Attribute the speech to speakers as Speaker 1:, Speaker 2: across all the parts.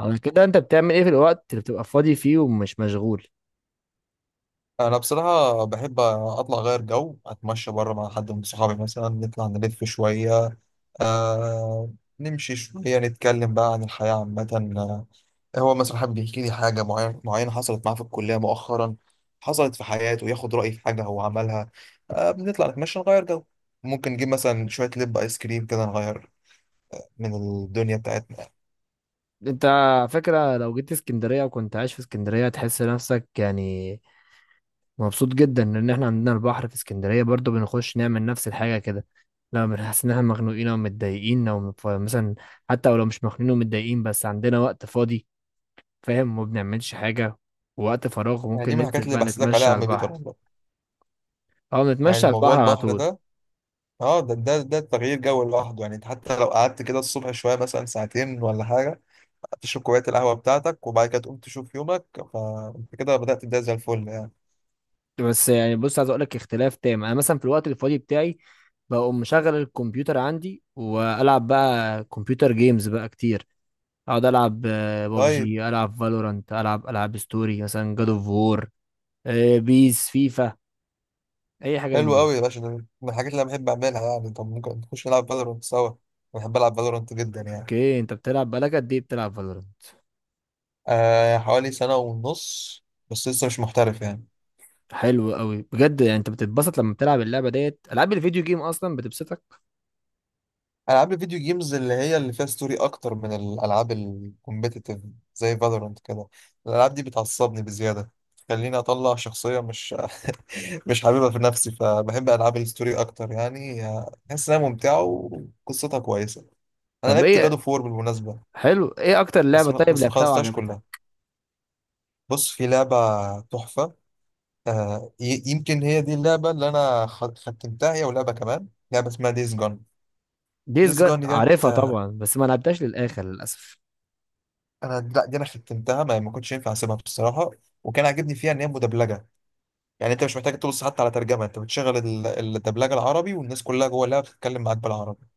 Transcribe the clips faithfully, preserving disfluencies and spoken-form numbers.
Speaker 1: على كده انت بتعمل ايه في الوقت اللي بتبقى فاضي فيه ومش مشغول؟
Speaker 2: انا بصراحه بحب اطلع اغير جو اتمشى بره مع حد من صحابي مثلا نطلع نلف شويه. آه. نمشي شويه نتكلم بقى عن الحياه عامه. آه، هو مثلا حابب يحكي لي حاجه معينه معينه حصلت معاه في الكليه مؤخرا، حصلت في حياته، ياخد رايي في حاجه هو عملها. آه، بنطلع نتمشى نغير جو. ممكن نجيب مثلا شويه لب ايس كريم كده نغير من الدنيا بتاعتنا،
Speaker 1: انت على فكرة لو جيت اسكندرية وكنت عايش في اسكندرية تحس نفسك يعني مبسوط جدا، لان احنا عندنا البحر في اسكندرية. برضو بنخش نعمل نفس الحاجة كده لما بنحس ان احنا مخنوقين او متضايقين او مف- مثلا حتى ولو مش مخنوقين ومتضايقين بس عندنا وقت فاضي، فاهم؟ ما بنعملش حاجة. ووقت فراغ
Speaker 2: يعني دي
Speaker 1: ممكن
Speaker 2: من
Speaker 1: ننزل
Speaker 2: الحاجات اللي
Speaker 1: بقى
Speaker 2: بحسدك عليها
Speaker 1: نتمشى
Speaker 2: يا
Speaker 1: على
Speaker 2: عم
Speaker 1: البحر،
Speaker 2: بيتر والله.
Speaker 1: او
Speaker 2: يعني
Speaker 1: نتمشى على
Speaker 2: الموضوع
Speaker 1: البحر على
Speaker 2: البحر
Speaker 1: طول.
Speaker 2: ده، اه ده ده ده تغيير جو لوحده، يعني انت حتى لو قعدت كده الصبح شويه مثلا ساعتين ولا حاجه تشرب كوبايه القهوه بتاعتك وبعد كده تقوم تشوف يومك، فانت كده بدات تبدا زي الفل يعني.
Speaker 1: بس يعني بص، عايز اقول لك اختلاف تام. انا مثلا في الوقت الفاضي بتاعي بقوم مشغل الكمبيوتر عندي، والعب بقى كمبيوتر جيمز بقى كتير. اقعد العب
Speaker 2: طيب،
Speaker 1: ببجي، العب فالورانت، العب العاب ستوري مثلا جاد اوف وور، بيس، فيفا، اي حاجه من
Speaker 2: حلو
Speaker 1: دي.
Speaker 2: قوي يا باشا، ده من الحاجات اللي انا بحب اعملها، يعني طب ممكن نخش نلعب فالورانت سوا. أنا بحب العب فالورانت جدا يعني.
Speaker 1: اوكي، انت بتلعب بقالك قد ايه بتلعب فالورانت؟
Speaker 2: آه، حوالي سنه ونص، بس لسه مش محترف يعني.
Speaker 1: حلو قوي بجد. يعني انت بتتبسط لما بتلعب اللعبه ديت؟ العاب الفيديو جيم اصلا بتبسطك؟
Speaker 2: العاب الفيديو جيمز اللي هي اللي فيها ستوري اكتر من الالعاب الكومبيتيتيف زي فالورانت كده، الالعاب دي بتعصبني بزياده، خليني اطلع شخصيه مش مش حاببها في نفسي، فبحب العاب الستوري اكتر يعني، بحس انها ممتعه وقصتها كويسه. انا
Speaker 1: طب
Speaker 2: لعبت جادو
Speaker 1: ايه
Speaker 2: فور بالمناسبه.
Speaker 1: حلو، ايه اكتر لعبه
Speaker 2: بس ما
Speaker 1: طيب
Speaker 2: بس ما
Speaker 1: لعبتها
Speaker 2: خلصتهاش
Speaker 1: وعجبتك؟
Speaker 2: كلها. بص، في لعبه تحفه. آه ي- يمكن هي دي اللعبه اللي انا خ- ختمتها، هي ولعبه كمان، لعبه اسمها ديز جون.
Speaker 1: ديز
Speaker 2: ديز
Speaker 1: جون
Speaker 2: جون ديت،
Speaker 1: عارفها
Speaker 2: آه،
Speaker 1: طبعا، بس ما لعبتهاش للاخر للاسف.
Speaker 2: انا لا، دي انا ختمتها، ما ما كنتش ينفع اسيبها بصراحه. وكان عاجبني فيها ان هي مدبلجه، يعني انت مش محتاج تبص حتى على ترجمه، انت بتشغل ال- الدبلجه العربي والناس كلها جوه اللعبه بتتكلم معاك بالعربي،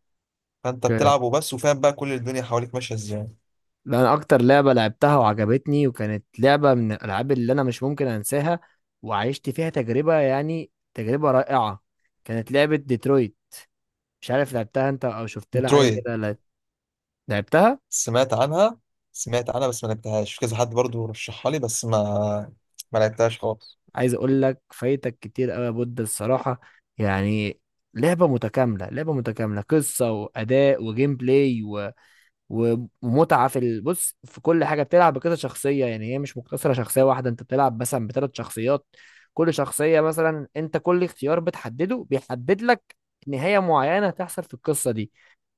Speaker 2: فانت
Speaker 1: اوكي،
Speaker 2: بتلعب وبس وفاهم بقى كل الدنيا حواليك ماشيه ازاي.
Speaker 1: ده انا اكتر لعبه لعبتها وعجبتني وكانت لعبه من الالعاب اللي انا مش ممكن انساها، وعشت فيها تجربه يعني تجربه رائعه، كانت لعبه ديترويت. مش عارف لعبتها انت او شفت لها حاجه
Speaker 2: مترويد،
Speaker 1: كده لا- لعبتها؟
Speaker 2: سمعت عنها، سمعت عنها بس ما لعبتهاش، في كذا حد برضو رشحها لي بس ما ما لعبتهاش خالص.
Speaker 1: عايز اقول لك فايتك كتير قوي يا بود الصراحه. يعني لعبه متكامله، لعبه متكامله، قصه واداء وجيم بلاي، ومتعه في ال- بص في كل حاجه. بتلعب بكذا شخصيه، يعني هي مش مقتصره شخصيه واحده، انت بتلعب مثلا بثلاث شخصيات. كل شخصيه مثلا انت كل اختيار بتحدده بيحدد لك نهايه معينه هتحصل في القصه دي.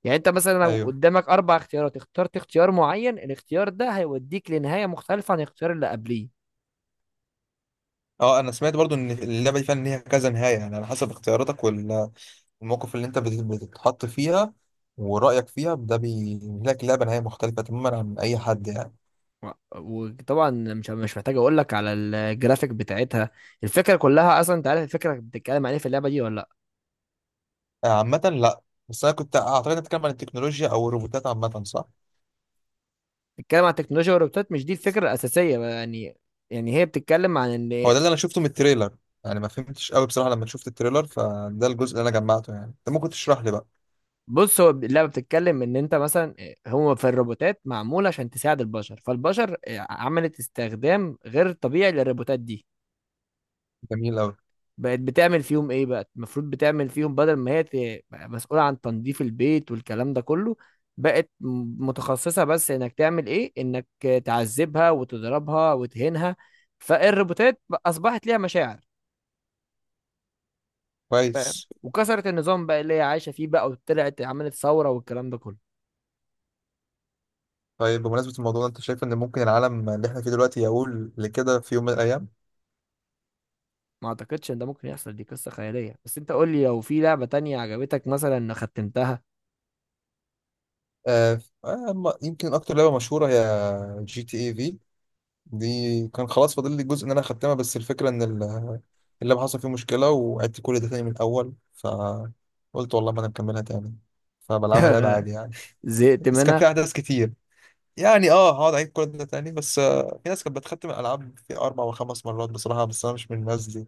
Speaker 1: يعني انت مثلا لو
Speaker 2: ايوه،
Speaker 1: قدامك اربع اختيارات اخترت اختيار معين، الاختيار ده هيوديك لنهايه مختلفه عن الاختيار اللي قبليه.
Speaker 2: اه انا سمعت برضو ان اللعبه دي فعلا ليها كذا نهايه، يعني على حسب اختياراتك وال- والموقف اللي انت بت- بتتحط فيها ورايك فيها، ده بينهي لك اللعبه نهايه مختلفه تماما عن اي حد يعني.
Speaker 1: و- وطبعا مش مش محتاج اقول لك على الجرافيك بتاعتها. الفكره كلها اصلا انت عارف الفكره بتتكلم عليه في اللعبه دي ولا؟
Speaker 2: آه، عامه لا، بس انا كنت اعتقد إنك بتتكلم عن التكنولوجيا او الروبوتات عامه، صح؟
Speaker 1: بتتكلم عن التكنولوجيا والروبوتات، مش دي الفكره الاساسيه بقى يعني. يعني هي بتتكلم عن
Speaker 2: هو
Speaker 1: ان،
Speaker 2: ده اللي انا شفته من التريلر، يعني ما فهمتش قوي بصراحه لما شفت التريلر، فده الجزء اللي انا جمعته يعني، انت ممكن تشرح لي بقى.
Speaker 1: بص، هو اللعبه بتتكلم ان انت مثلا آه، هو في الروبوتات معموله عشان تساعد البشر، فالبشر آه، عملت استخدام غير طبيعي للروبوتات دي.
Speaker 2: جميل قوي.
Speaker 1: بقت بتعمل فيهم ايه بقى؟ المفروض بتعمل فيهم بدل ما هي ت- بقى مسؤوله عن تنظيف البيت والكلام ده كله، بقت م- متخصصه بس انك تعمل ايه، انك تعذبها وتضربها وتهينها. فالروبوتات اصبحت ليها مشاعر، فاهم؟
Speaker 2: كويس.
Speaker 1: وكسرت النظام بقى اللي هي عايشه فيه بقى، وطلعت عملت ثوره والكلام ده كله.
Speaker 2: طيب، بمناسبه الموضوع ده، انت شايف ان ممكن العالم اللي احنا فيه دلوقتي يقول لكده في يوم من الايام؟
Speaker 1: ما اعتقدش ان ده ممكن يحصل، دي قصه خياليه. بس انت قول لي، لو في لعبه تانية عجبتك مثلا ختمتها.
Speaker 2: آه آه، ما- يمكن اكتر لعبه مشهوره هي جي تي اي في، دي كان خلاص فاضل لي جزء ان انا اختمها، بس الفكره ان ال- اللعبه حصل فيه مشكله وعدت كل ده تاني من الاول، فقلت والله ما انا مكملها تاني، فبلعبها لعبه عادي يعني.
Speaker 1: زهقت
Speaker 2: بس كان
Speaker 1: منها.
Speaker 2: في احداث كتير، يعني اه هقعد اعيد كل ده تاني؟ بس آه، في ناس كانت بتختم الالعاب في اربع وخمس مرات بصراحه، بس انا مش من الناس دي.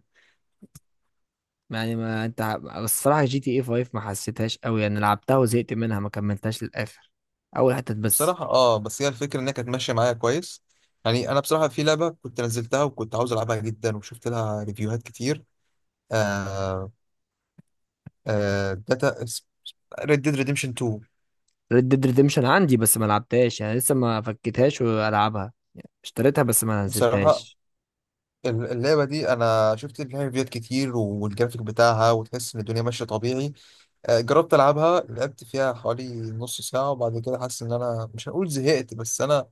Speaker 1: يعني ما انت، بس الصراحه جي تي اي خمسة ما حسيتهاش قوي يعني، لعبتها وزهقت منها، ما كملتهاش للاخر، اول حتت بس.
Speaker 2: بصراحه اه، بس هي الفكره انها كانت ماشيه معايا كويس. يعني انا بصراحه في لعبه كنت نزلتها وكنت عاوز العبها جدا وشفت لها ريفيوهات كتير. آه. آه داتا ريد ديد ريديمشن تو.
Speaker 1: ريد ديد ريديمشن عندي بس ما لعبتهاش يعني، لسه ما فكيتهاش والعبها يعني، اشتريتها بس ما
Speaker 2: بصراحه
Speaker 1: نزلتهاش.
Speaker 2: ال- اللعبه دي انا شفت لها ريفيوهات كتير، والجرافيك بتاعها وتحس ان الدنيا ماشيه طبيعي. آه، جربت العبها، لعبت فيها حوالي نص ساعه وبعد كده حاسس ان انا مش هنقول زهقت، بس انا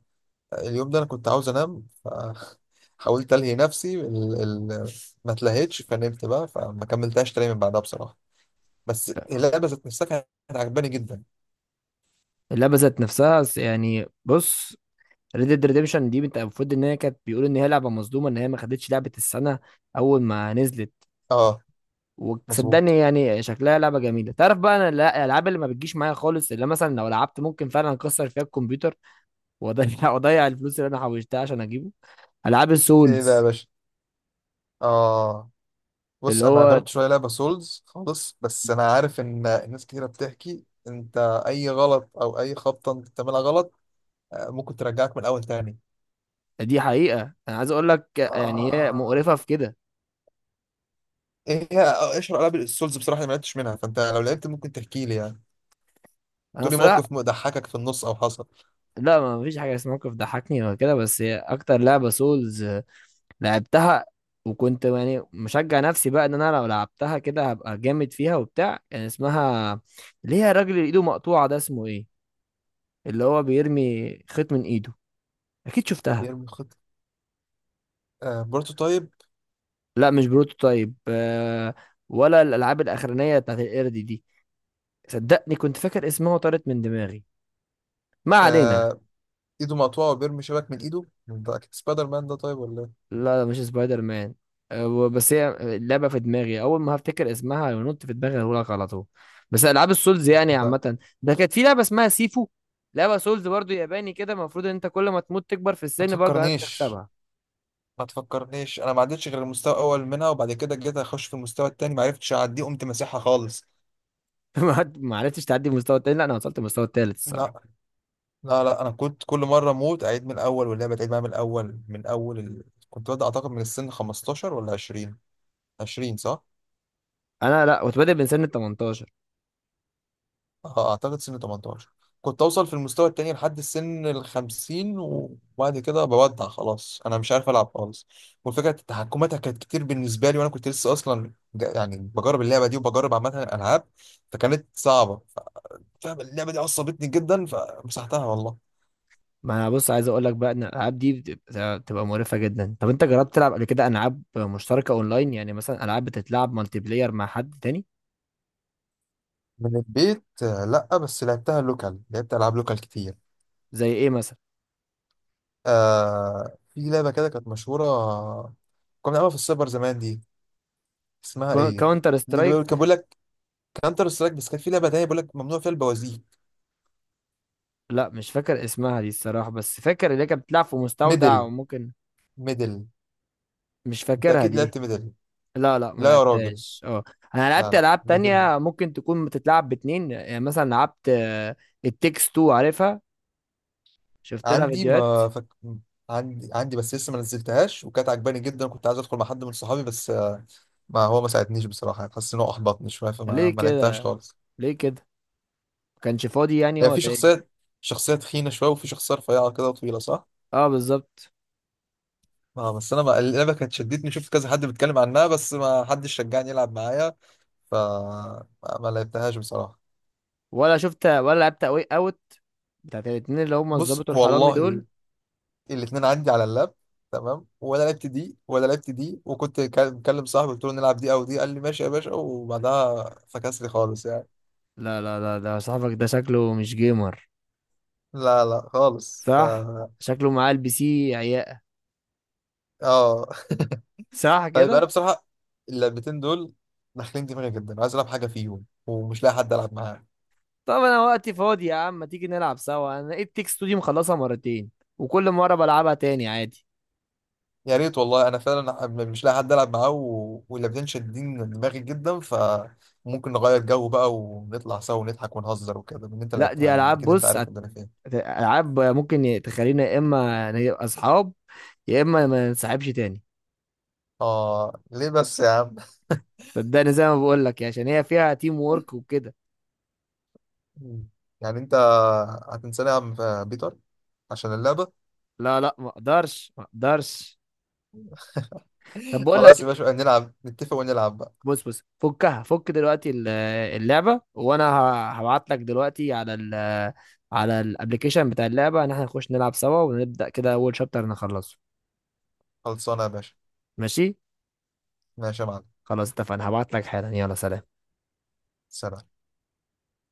Speaker 2: اليوم ده انا كنت عاوز انام، فحاولت الهي نفسي ال... ال... ما اتلهيتش، فنمت بقى، فما كملتهاش تاني من بعدها بصراحه، بس اللعبه ذات نفسها كانت عجباني جدا.
Speaker 1: اللعبه ذات نفسها س- يعني بص، ريد ديد ريديمشن دي انت المفروض ان هي كانت بيقولوا ان هي لعبه مظلومه، ان هي ما خدتش لعبه السنه اول ما نزلت.
Speaker 2: اه. مظبوط.
Speaker 1: وصدقني يعني شكلها لعبه جميله. تعرف بقى انا لا- الالعاب اللي ما بتجيش معايا خالص، اللي مثلا لو لعبت ممكن فعلا اكسر فيها الكمبيوتر واضيع واضيع الفلوس اللي انا حوشتها عشان اجيبه؟ العاب
Speaker 2: ايه بقى يا
Speaker 1: السولز،
Speaker 2: باشا؟ اه بص،
Speaker 1: اللي
Speaker 2: انا ما
Speaker 1: هو،
Speaker 2: جربتش ولا لعبه سولز خالص، بس انا عارف ان ناس كتيره بتحكي انت اي غلط او اي خبطه انت بتعملها غلط، آه، ممكن ترجعك من الاول تاني.
Speaker 1: دي حقيقه انا عايز اقول لك يعني هي
Speaker 2: آه.
Speaker 1: مقرفه في كده.
Speaker 2: ايه هي اشهر العاب السولز بصراحه؟ اللي ما لعبتش منها، فانت لو لعبت ممكن تحكي لي يعني،
Speaker 1: انا
Speaker 2: بتقولي موقف
Speaker 1: صراحه
Speaker 2: ضحكك في النص او حصل.
Speaker 1: لا، ما فيش حاجه اسمها موقف ضحكني ولا كده، بس هي اكتر لعبه سولز لعبتها، وكنت يعني مشجع نفسي بقى ان انا لو لعبتها كده هبقى جامد فيها وبتاع. كان اسمها، اللي هي الراجل اللي ايده مقطوعة ده، اسمه ايه؟ اللي هو بيرمي خيط من ايده، اكيد شفتها.
Speaker 2: بيرمي خط؟ آه بروتوتايب.
Speaker 1: لا مش بروتوتايب، آه ولا الالعاب الاخرانية بتاعت القرد دي. صدقني كنت فاكر اسمها وطارت من دماغي، ما علينا.
Speaker 2: آه، ايده مقطوعه وبيرمي شبك من ايده، ده اكيد سبايدر مان ده، طيب ولا ايه؟
Speaker 1: لا لا مش سبايدر مان. أه، و- بس هي اللعبه في دماغي، اول ما هفتكر اسمها ونط في دماغي هقول لك على طول. بس العاب السولز
Speaker 2: مش
Speaker 1: يعني
Speaker 2: فاهم.
Speaker 1: عامه، ده كانت في لعبه اسمها سيفو، لعبه سولز برضو ياباني كده، المفروض ان انت كل ما تموت تكبر في
Speaker 2: ما
Speaker 1: السن، برضو عرفت
Speaker 2: تفكرنيش،
Speaker 1: تكسبها؟
Speaker 2: ما تفكرنيش، انا ما عدتش غير المستوى الاول منها، وبعد كده جيت اخش في المستوى التاني ما عرفتش اعديه، قمت مسيحها خالص.
Speaker 1: ما ما عرفتش تعدي المستوى التاني؟ لا انا وصلت المستوى التالت
Speaker 2: لا
Speaker 1: الصراحه.
Speaker 2: لا لا، انا كنت كل مره اموت اعيد من الاول، واللعبه تعيد معايا من الاول، من اول ال... كنت ببدا اعتقد من السن خمستاشر ولا عشرين. عشرين صح.
Speaker 1: انا لا كنت بادئ من سن تمنتاشر.
Speaker 2: اه، اعتقد سن ثمانية عشر. كنت اوصل في المستوى التاني لحد السن ال خمسين وبعد كده بودع، خلاص انا مش عارف العب خالص، والفكره تحكماتها كانت كتير بالنسبه لي، وانا كنت لسه اصلا جا- يعني بجرب اللعبه دي وبجرب عامه الالعاب، فكانت صعبه، فاهم. اللعبه دي عصبتني جدا فمسحتها والله.
Speaker 1: ما انا بص عايز اقول لك بقى ان الالعاب دي بتبقى بتبقى مقرفه جدا. طب انت جربت تلعب قبل كده العاب مشتركه اونلاين، يعني مثلا العاب بتتلعب مالتي بلاير مع حد تاني؟
Speaker 2: من البيت آه، لا بس لعبتها لوكال، لعبت العاب لوكال كتير.
Speaker 1: زي ايه مثلا؟
Speaker 2: آه، في لعبه كده كانت مشهوره، كنا بنلعبها في السايبر زمان دي، اسمها ايه؟
Speaker 1: كاونتر
Speaker 2: دي اللي بيقول- كان
Speaker 1: سترايك؟
Speaker 2: بيقول لك كانتر سترايك، بس كان في لعبه تانيه بيقول لك ممنوع فيها البوازيك.
Speaker 1: لا مش فاكر اسمها دي الصراحة، بس فاكر اللي هي كانت بتلعب في مستودع
Speaker 2: ميدل.
Speaker 1: وممكن،
Speaker 2: ميدل.
Speaker 1: مش
Speaker 2: انت
Speaker 1: فاكرها
Speaker 2: اكيد
Speaker 1: دي.
Speaker 2: لعبت ميدل.
Speaker 1: لا لا ما
Speaker 2: لا يا راجل.
Speaker 1: لعبتهاش، اه. انا
Speaker 2: لا
Speaker 1: لعبت
Speaker 2: لا،
Speaker 1: العاب
Speaker 2: ميدل.
Speaker 1: تانية ممكن تكون بتتلعب باتنين، يعني مثلا لعبت التكس اتنين، عارفها؟ شفت لها
Speaker 2: عندي
Speaker 1: فيديوهات؟
Speaker 2: ما فك... عندي عندي، بس لسه ما نزلتهاش، وكانت عجباني جدا، كنت عايز ادخل مع حد من صحابي بس آه، ما هو ما ساعدنيش بصراحه، يعني حاسس ان هو احبطني شويه، فما
Speaker 1: ليه
Speaker 2: ما لعبتهاش
Speaker 1: كده؟
Speaker 2: خالص.
Speaker 1: ليه كده؟ ما كانش فاضي يعني
Speaker 2: هي
Speaker 1: ولا
Speaker 2: في
Speaker 1: ايه؟
Speaker 2: شخصيه، شخصيه تخينه شويه، وفي شخصيه رفيعه كده وطويله، صح؟
Speaker 1: اه بالظبط.
Speaker 2: اه بس انا ما... اللعبه كانت شدتني، شفت كذا حد بيتكلم عنها، بس ما حدش شجعني يلعب معايا، ف ما ما لعبتهاش بصراحه.
Speaker 1: ولا شفت ولا لعبت اوي اوت، بتاعت الاتنين اللي هم
Speaker 2: بص
Speaker 1: الظابط والحرامي دول؟
Speaker 2: والله، الاتنين عندي على اللاب تمام، ولا لعبت دي ولا لعبت دي، وكنت كا- مكلم صاحبي قلت له نلعب دي او دي، قال لي ماشي يا باشا، وبعدها فكس لي خالص يعني.
Speaker 1: لا لا لا، ده صاحبك ده شكله مش جيمر،
Speaker 2: لا لا خالص ف
Speaker 1: صح؟ شكله معاه البي سي
Speaker 2: اه.
Speaker 1: ساعة
Speaker 2: طيب انا
Speaker 1: كده.
Speaker 2: بصراحه، اللعبتين دول داخلين دماغي جدا، عايز العب حاجه فيهم ومش لاقي حد العب معاه.
Speaker 1: طب انا وقتي فاضي يا عم، ما تيجي نلعب سوا؟ انا لقيت تيك ستوديو مخلصها مرتين، وكل مرة بلعبها تاني عادي.
Speaker 2: يا ريت والله، انا فعلا مش لاقي حد العب معاه و... واللعبتين شادين دماغي جدا، فممكن نغير جو بقى ونطلع سوا ونضحك ونهزر وكده، من اللي انت
Speaker 1: لا
Speaker 2: لعبتها
Speaker 1: دي
Speaker 2: يعني
Speaker 1: العاب،
Speaker 2: اكيد انت
Speaker 1: بص
Speaker 2: عارف
Speaker 1: هت-
Speaker 2: ان انا فين.
Speaker 1: العاب ممكن تخلينا يا اما نبقى اصحاب يا اما ما ننسحبش تاني.
Speaker 2: اه ليه بس يا عم؟
Speaker 1: صدقني زي ما بقول لك، عشان هي فيها تيم وورك وكده.
Speaker 2: مم. يعني انت هتنساني يا عم في بيتر عشان اللعبة؟
Speaker 1: لا لا، ما اقدرش ما اقدرش. طب بقول
Speaker 2: خلاص يا
Speaker 1: لك،
Speaker 2: باشا، نلعب، نتفق ونلعب بقى.
Speaker 1: بص بص، فكها، فك دلوقتي ال- اللعبه، وانا هبعت لك دلوقتي على ال على الابلكيشن بتاع اللعبه ان احنا نخش نلعب سوا، ونبدا كده اول شابتر نخلصه.
Speaker 2: خلصانة يا باشا.
Speaker 1: ماشي،
Speaker 2: ماشي يا معلم.
Speaker 1: خلاص اتفقنا، هبعت لك حالا، يلا سلام.
Speaker 2: سلام.